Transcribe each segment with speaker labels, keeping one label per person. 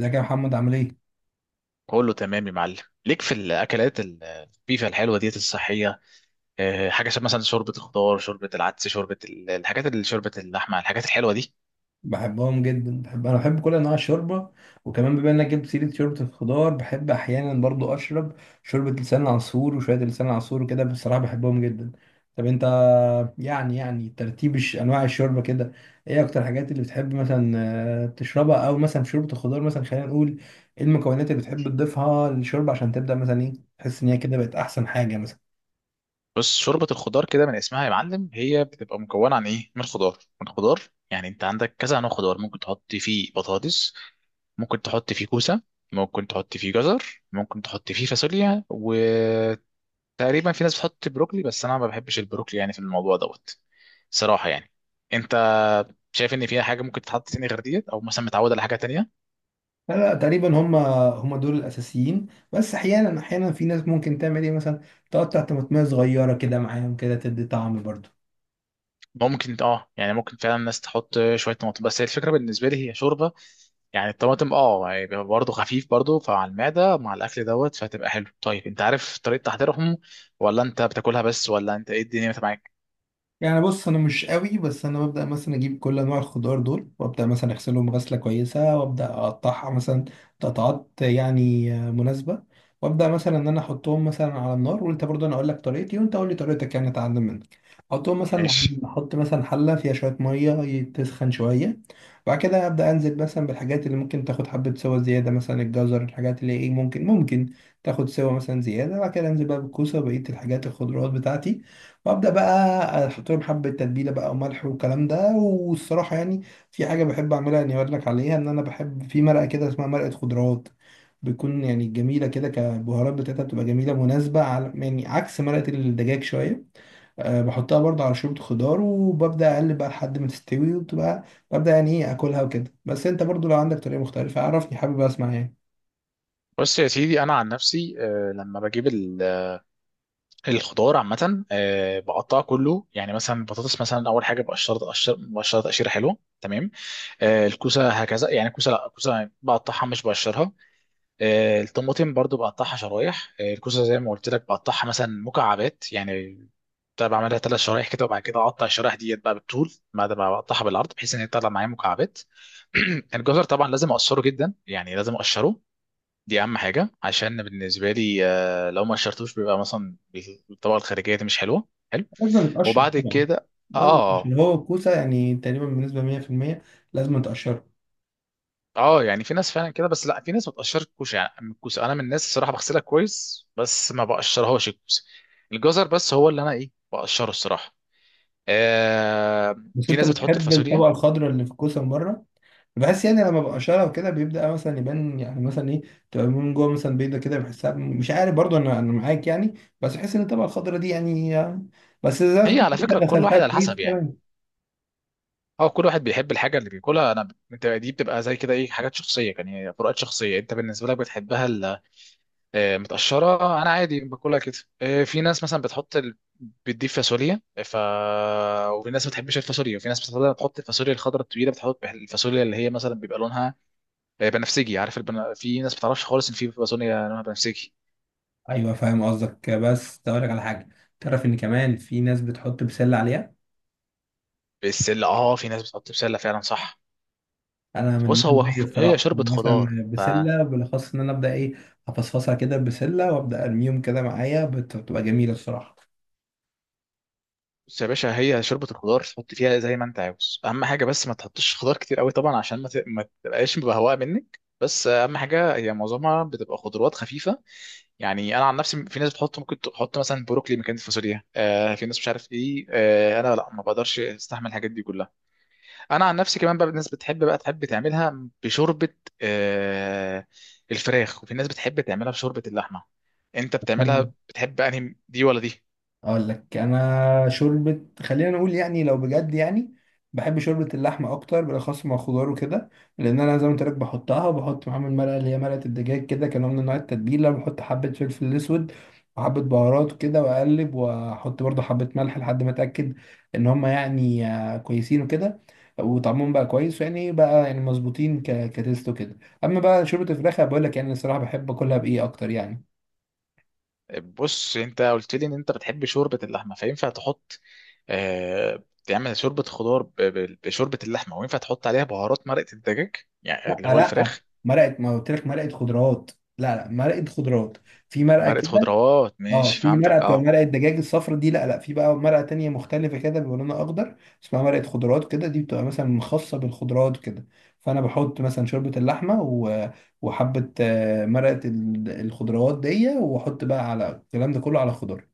Speaker 1: ازيك يا محمد عامل ايه؟
Speaker 2: كله تمام يا معلم. ليك في الاكلات البيفا الحلوه ديت الصحيه؟ حاجه شبه مثلا شوربه الخضار، شوربه العدس، شوربه الحاجات اللي شوربه اللحمه، الحاجات الحلوه دي.
Speaker 1: بحبهم جدا. انا بحب كل انواع الشوربه. وكمان بما انك جبت سيره شوربه الخضار، بحب احيانا برضو اشرب شوربه لسان العصفور وشويه لسان العصفور وكده، بصراحه بحبهم جدا. طب انت، يعني ترتيب انواع الشوربه كده، ايه اكتر الحاجات اللي بتحب مثلا تشربها؟ او مثلا في شوربه الخضار، مثلا خلينا نقول، ايه المكونات اللي بتحب تضيفها للشوربه عشان تبدا مثلا ايه تحس ان هي كده بقت احسن حاجه مثلا؟
Speaker 2: بص، شوربه الخضار كده من اسمها يا معلم، هي بتبقى مكونه عن ايه؟ من الخضار من الخضار. يعني انت عندك كذا نوع خضار. ممكن تحط فيه بطاطس، ممكن تحط فيه كوسه، ممكن تحط فيه جزر، ممكن تحط فيه فاصوليا، وتقريبا في ناس بتحط بروكلي، بس انا ما بحبش البروكلي يعني في الموضوع دوت. صراحه يعني. انت شايف ان فيها حاجه ممكن تتحط تاني غير ديت، او مثلا متعود على حاجه تانية؟
Speaker 1: لا لا، تقريبا هم دول الاساسيين. بس احيانا في ناس ممكن تعمل ايه مثلا، تقطع طماطميه صغيره كده معاهم كده تدي طعم برضو.
Speaker 2: ممكن اه، يعني ممكن فعلا الناس تحط شويه طماطم، بس هي الفكره بالنسبه لي هي شوربه، يعني الطماطم اه يعني بيبقى برضه خفيف برضه فعلى المعده مع الاكل دوت فهتبقى حلو. طيب انت عارف طريقه تحضيرهم، ولا انت بتاكلها بس، ولا انت ايه الدنيا معاك؟
Speaker 1: يعني بص انا مش قوي، بس انا ببدا مثلا اجيب كل انواع الخضار دول وابدا مثلا اغسلهم غسله كويسه وابدا اقطعها مثلا قطعات يعني مناسبه. وابدا مثلا ان انا احطهم مثلا على النار. وانت برضه انا اقول لك طريقتي، وانت قول لي طريقتك، يعني اتعلم منك. احطهم مثلا،
Speaker 2: ماشي.
Speaker 1: احط مثلا حله فيها شويه ميه تسخن شويه. بعد كده ابدا انزل مثلا بالحاجات اللي ممكن تاخد حبه سوا زياده، مثلا الجزر، الحاجات اللي ايه ممكن تاخد سوا مثلا زياده. بعد كده انزل بقى بالكوسه وبقيه الحاجات الخضروات بتاعتي. وابدا بقى احط لهم حبه تتبيله بقى وملح والكلام ده. والصراحه يعني في حاجه بحب اعملها، اني اقول لك عليها، ان انا بحب في مرقه كده اسمها مرقه خضروات، بتكون يعني جميله كده كبهارات بتاعتها، بتبقى جميله مناسبه على يعني عكس مرقه الدجاج شويه. أه بحطها برضه على شوربه خضار، وببدا اقلب بقى لحد ما تستوي وبتبقى ببدا يعني ايه اكلها وكده. بس انت برضه لو عندك طريقه مختلفه عرفني، حابب اسمع يعني.
Speaker 2: بص يا سيدي، انا عن نفسي، لما بجيب الخضار عامه، بقطعه كله. يعني مثلا البطاطس، مثلا اول حاجه بقشرها، بقشرها تقشيره حلوه تمام. الكوسه هكذا، يعني الكوسه، لا الكوسه بقطعها مش بقشرها. الطماطم برضو بقطعها شرايح. الكوسه زي ما قلت لك بقطعها مثلا مكعبات يعني. بتاع بعملها ثلاث شرايح كده وبعد كده اقطع الشرايح ديت بقى بالطول بعد ما بقطعها بالعرض بحيث ان هي تطلع معايا مكعبات. الجزر طبعا لازم اقشره، جدا يعني لازم اقشره، دي اهم حاجه. عشان بالنسبه لي، لو ما قشرتوش بيبقى مثلا الطبقه الخارجيه دي مش حلوه حلو.
Speaker 1: لازم نتقشر
Speaker 2: وبعد
Speaker 1: طبعا،
Speaker 2: كده
Speaker 1: لازم، عشان
Speaker 2: اه.
Speaker 1: هو الكوسه يعني تقريبا بنسبه 100% لازم نتقشر.
Speaker 2: اه يعني في ناس فعلا كده، بس لا في ناس ما بتقشرش الكوسه يعني. أما الكوسه انا من الناس الصراحه بغسلها كويس بس ما بقشرهاش الكوسه. الجزر بس هو اللي انا ايه بقشره الصراحه. آه.
Speaker 1: بس
Speaker 2: في
Speaker 1: انت
Speaker 2: ناس بتحط
Speaker 1: بتحب
Speaker 2: الفاصوليا.
Speaker 1: الطبقه الخضراء اللي في الكوسه من بره؟ بحس يعني لما ببقى شارع وكده بيبدا مثلا يبان يعني مثلا ايه، تبقى من جوه مثلا بيضه كده. بحسها مش عارف برضو، انا معاك يعني. بس بحس ان الطبقه الخضراء دي يعني بس زي ما
Speaker 2: هي
Speaker 1: تكون
Speaker 2: على فكره
Speaker 1: انت
Speaker 2: كل
Speaker 1: غسلتها
Speaker 2: واحد على حسب
Speaker 1: كويس
Speaker 2: يعني.
Speaker 1: كمان.
Speaker 2: هو كل واحد بيحب الحاجه اللي بياكلها. انا انت دي بتبقى زي كده ايه، حاجات شخصيه، يعني فروقات شخصيه. انت بالنسبه لك بتحبها متقشره. انا عادي باكلها كده. في ناس مثلا بتحط بتضيف فاصوليا ف، وفي ناس ما بتحبش الفاصوليا، وفي ناس بتفضل تحط الفاصوليا الخضراء الطويله، بتحط الفاصوليا اللي هي مثلا بيبقى لونها بنفسجي. عارف في ناس ما بتعرفش خالص ان في فاصوليا لونها بنفسجي.
Speaker 1: ايوه فاهم قصدك، بس اقول لك على حاجه، تعرف ان كمان في ناس بتحط بسله عليها؟
Speaker 2: بالسله اه، في ناس بتحط بسله فعلا، صح.
Speaker 1: انا من
Speaker 2: فبص،
Speaker 1: الناس
Speaker 2: هو
Speaker 1: دي
Speaker 2: هي
Speaker 1: الصراحه
Speaker 2: شوربه
Speaker 1: مثلا،
Speaker 2: خضار.
Speaker 1: بسله، بالاخص ان انا ابدا ايه افصفصها كده بسله وابدا ارميهم كده معايا، بتبقى جميله الصراحه.
Speaker 2: بص يا باشا، هي شوربة الخضار تحط فيها زي ما انت عاوز. اهم حاجة بس ما تحطش خضار كتير قوي طبعا عشان ما تبقاش بهواء منك. بس اهم حاجة هي معظمها بتبقى خضروات خفيفة. يعني انا عن نفسي، في ناس بتحط، ممكن تحط مثلا بروكلي مكان الفاصوليا، آه في ناس مش عارف ايه. آه انا لا، ما بقدرش استحمل الحاجات دي كلها. انا عن نفسي كمان، بقى الناس بتحب بقى، تحب تعملها بشوربة آه الفراخ، وفي ناس بتحب تعملها بشوربة اللحمة. انت بتعملها، بتحب انهي دي ولا دي؟
Speaker 1: اقول لك انا شوربه، خلينا نقول يعني لو بجد يعني، بحب شوربه اللحمه اكتر، بالاخص مع خضار وكده. لان انا زي ما قلت لك بحطها، وبحط معاهم المرقه اللي هي مرقه الدجاج كده كنوع من انواع التتبيله. بحط حبه فلفل اسود وحبه بهارات وكده واقلب، واحط برضه حبه ملح لحد ما اتاكد ان هم يعني كويسين وكده، وطعمهم بقى كويس يعني بقى يعني مظبوطين كتيست وكده. اما بقى شوربه الفراخ، بقول لك يعني الصراحه بحب اكلها بايه اكتر يعني.
Speaker 2: بص، انت قلت لي ان انت بتحب شوربه اللحمه، فينفع تحط، آه تعمل شوربه خضار بشوربه اللحمه، وينفع تحط عليها بهارات مرقه الدجاج، يعني
Speaker 1: لا
Speaker 2: اللي هو
Speaker 1: لا،
Speaker 2: الفراخ.
Speaker 1: مرقه، ما قلت لك مرقه خضروات. لا لا، مرقه خضروات، في مرقه
Speaker 2: مرقه
Speaker 1: كده.
Speaker 2: خضروات،
Speaker 1: اه
Speaker 2: ماشي
Speaker 1: في مرقه
Speaker 2: فهمتك
Speaker 1: بتبقى
Speaker 2: اه.
Speaker 1: مرقه دجاج الصفرا دي، لا لا، في بقى مرقه تانية مختلفه كده بيبقى لونها اخضر، اسمها مرقه خضروات كده، دي بتبقى مثلا خاصه بالخضروات كده. فانا بحط مثلا شوربه اللحمه وحبه مرقه الخضروات دي، واحط بقى على الكلام ده كله على خضار.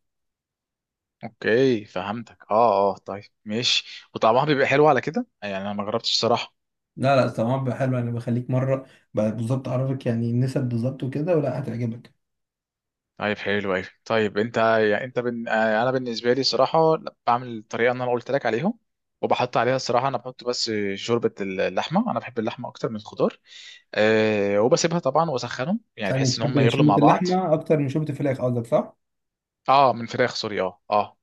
Speaker 2: اوكي فهمتك، اه اه. طيب ماشي، وطعمها بيبقى حلو على كده يعني؟ انا ما جربتش الصراحه.
Speaker 1: لا لا طبعا بيبقى حلو، انا بخليك مره بقى بالظبط اعرفك يعني النسب بالظبط وكده ولا هتعجبك.
Speaker 2: طيب حلو أوي. طيب أنت يعني أنت أنا بالنسبة لي صراحة بعمل الطريقة اللي أنا قلت لك عليهم، وبحط عليها الصراحة أنا بحط بس شوربة اللحمة، أنا بحب اللحمة أكتر من الخضار. أه وبسيبها طبعا وأسخنهم، يعني
Speaker 1: ثاني
Speaker 2: بحس إن هم
Speaker 1: بتحب
Speaker 2: يغلوا مع
Speaker 1: شوربه
Speaker 2: بعض.
Speaker 1: اللحمه اكتر من شوربه الفراخ قصدك، صح؟
Speaker 2: أه، من فراخ، سوري، أه أه.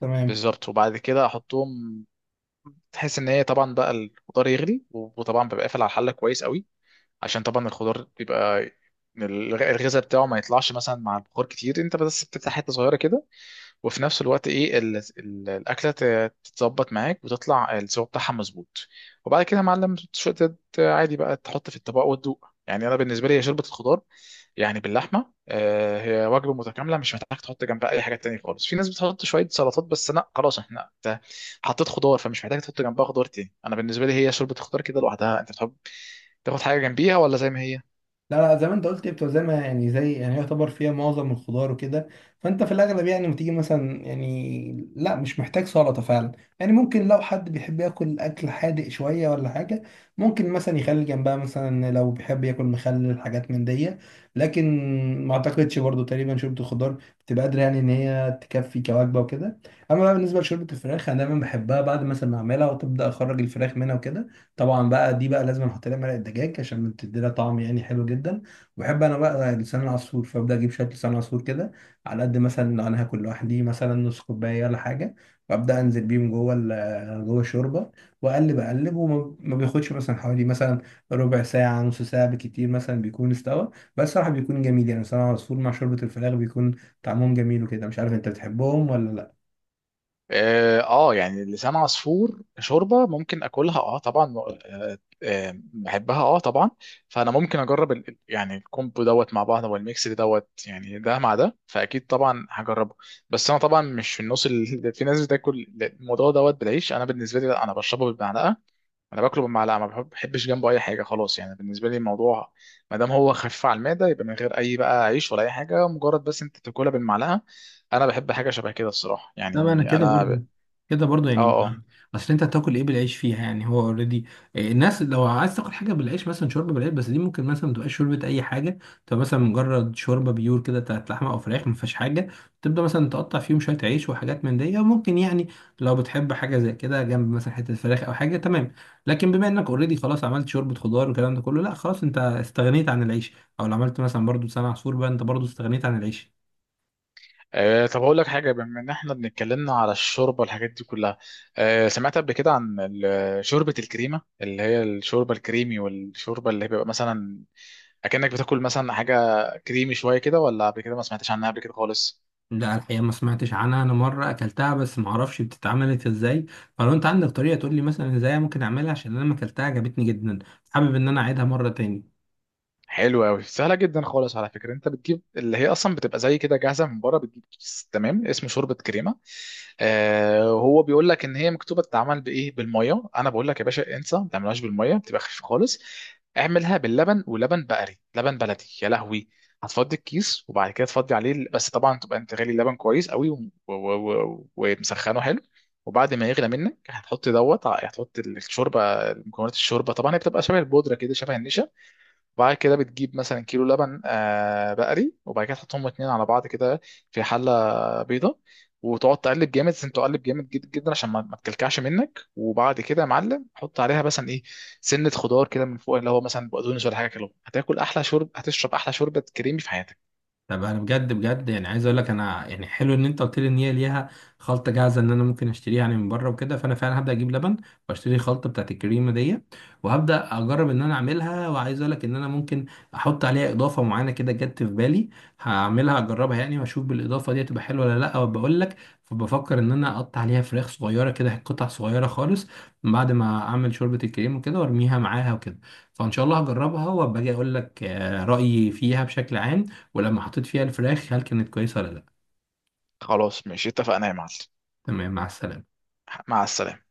Speaker 1: تمام.
Speaker 2: بالظبط، وبعد كده أحطهم، تحس إن هي طبعا بقى الخضار يغلي، وطبعا ببقى قافل على الحلة كويس قوي، عشان طبعا الخضار بيبقى الغذاء بتاعه ما يطلعش مثلا مع البخار كتير. انت بس بتفتح حته صغيره كده، وفي نفس الوقت ايه الاكله تتظبط معاك وتطلع السوا بتاعها مظبوط. وبعد كده يا معلم عادي بقى تحط في الطبق وتدوق. يعني انا بالنسبه لي هي شوربه الخضار يعني باللحمه هي وجبه متكامله، مش محتاج تحط جنبها اي حاجه تانية خالص. في ناس بتحط شويه سلطات، بس لا خلاص احنا انت حطيت خضار، فمش محتاج تحط جنبها خضار تاني. انا بالنسبه لي هي شوربه الخضار كده لوحدها. انت بتحب تاخد حاجه جنبيها ولا زي ما هي؟
Speaker 1: لا لا، زي ما انت قلت هي بتبقى زي ما يعني زي يعني يعتبر فيها معظم الخضار وكده. فانت في الاغلب يعني لما تيجي مثلا يعني لا مش محتاج سلطه فعلا. يعني ممكن لو حد بيحب ياكل اكل حادق شويه ولا حاجه، ممكن مثلا يخلي جنبها مثلا لو بيحب ياكل مخلل، حاجات من دي. لكن ما اعتقدش برضو تقريبا شوربه الخضار بتبقى قادره يعني ان هي تكفي كوجبه وكده. اما بقى بالنسبه لشوربه الفراخ، انا دايما بحبها بعد مثلا ما اعملها وتبدا اخرج الفراخ منها وكده. طبعا بقى دي بقى لازم احط لها مرق الدجاج عشان بتدي لها طعم يعني حلو جدا. وبحب انا بقى لسان العصفور، فابدا اجيب شويه لسان عصفور كده، على قد مثلا لو انا هاكل لوحدي مثلا نص كوبايه ولا حاجه. وابدا انزل بيهم جوه الشوربه، واقلب اقلب، وما ما بياخدش مثلا حوالي مثلا ربع ساعه نص ساعه بكتير مثلا بيكون استوى. بس صراحه بيكون جميل، يعني لسان العصفور مع شوربه الفراخ بيكون طعمهم جميل وكده. مش عارف انت بتحبهم ولا.
Speaker 2: اه يعني لسان عصفور شوربه ممكن اكلها، اه طبعا، بحبها اه طبعا. فانا ممكن اجرب يعني الكومبو دوت مع بعض والميكس دوت يعني، ده مع ده فاكيد طبعا هجربه. بس انا طبعا مش في النص اللي في ناس بتاكل الموضوع دوت بالعيش، انا بالنسبه لي لا انا بشربه بالمعلقه، انا باكله بالمعلقه. ما بحب- بحبش جنبه اي حاجه خلاص. يعني بالنسبه لي الموضوع ما دام هو خفيف على المعده، يبقى من غير اي بقى عيش ولا اي حاجه، مجرد بس انت تاكلها بالمعلقه. انا بحب حاجه شبه كده الصراحه
Speaker 1: لا ما انا
Speaker 2: يعني
Speaker 1: كده برضو،
Speaker 2: انا.
Speaker 1: كده برضو
Speaker 2: اه
Speaker 1: يعني.
Speaker 2: اه.
Speaker 1: اصل انت هتاكل ايه بالعيش فيها يعني؟ هو اوريدي الناس لو عايز تاكل حاجه بالعيش، مثلا شوربه بالعيش، بس دي ممكن مثلا تبقى شوربه اي حاجه، تبقى مثلا مجرد شوربه بيور كده بتاعت لحمه او فراخ ما فيهاش حاجه، تبدا مثلا تقطع فيهم شويه عيش وحاجات من دي. وممكن يعني لو بتحب حاجه زي كده جنب مثلا حته فراخ او حاجه، تمام. لكن بما انك اوريدي خلاص عملت شوربه خضار والكلام ده كله، لا خلاص انت استغنيت عن العيش. او لو عملت مثلا برضو لسان عصفور بقى، انت برضو استغنيت عن العيش.
Speaker 2: طب اقول لك حاجه، بما ان احنا بنتكلمنا على الشوربه والحاجات دي كلها، سمعت قبل كده عن شوربه الكريمه اللي هي الشوربه الكريمي، والشوربه اللي هي بيبقى مثلا اكنك بتاكل مثلا حاجه كريمي شويه كده، ولا قبل كده ما سمعتش عنها قبل كده خالص؟
Speaker 1: لا الحقيقة ما سمعتش عنها، أنا مرة أكلتها بس ما أعرفش بتتعملت إزاي. فلو أنت عندك طريقة تقول لي مثلا إزاي ممكن أعملها، عشان أنا ما أكلتها عجبتني جدا، حابب إن أنا أعيدها مرة تاني.
Speaker 2: حلو قوي، سهله جدا خالص على فكره. انت بتجيب اللي هي اصلا بتبقى زي كده جاهزه من بره، بتجيب كيس تمام اسمه شوربه كريمه. آه هو بيقول لك ان هي مكتوبه تتعمل بايه بالميه، انا بقول لك يا باشا انسى ما تعملهاش بالميه، بتبقى خفيفه خالص. اعملها باللبن، ولبن بقري، لبن بلدي يا لهوي. هتفضي الكيس وبعد كده تفضي عليه بس طبعا تبقى انت غالي اللبن كويس قوي ومسخنه حلو. وبعد ما يغلى منك هتحط دوت هتحط الشوربه. مكونات الشوربه طبعا هي بتبقى شبه البودره كده، شبه النشا. وبعد كده بتجيب مثلا كيلو لبن بقري، وبعد كده تحطهم اتنين على بعض كده في حله بيضه. وتقعد تقلب جامد، لازم تقلب جامد جدا جدا عشان ما تكلكعش منك. وبعد كده يا معلم حط عليها مثلا ايه، سنه خضار كده من فوق اللي هو مثلا بقدونس ولا حاجه كده. هتاكل احلى هتشرب احلى شوربه كريمي في حياتك.
Speaker 1: طب انا بجد بجد يعني عايز اقول لك، انا يعني حلو ان انت قلت لي ان هي ليها خلطه جاهزه ان انا ممكن اشتريها يعني من بره وكده. فانا فعلا هبدا اجيب لبن واشتري الخلطه بتاعت الكريمه دي، وهبدا اجرب ان انا اعملها. وعايز اقول لك ان انا ممكن احط عليها اضافه معينه كده جت في بالي، هعملها اجربها يعني واشوف بالاضافه دي تبقى حلوه ولا لا، وبقول لك. فبفكر ان انا اقطع عليها فراخ صغيره كده قطع صغيره خالص، من بعد ما اعمل شوربه الكريمه وكده وارميها معاها وكده. فان شاء الله هجربها وابقى اجي اقول لك رايي فيها بشكل عام، ولما حطيت فيها الفراخ هل كانت كويسة ولا لا.
Speaker 2: خلاص ماشي، اتفقنا يا معلم.
Speaker 1: تمام، مع السلامة.
Speaker 2: مع السلامه.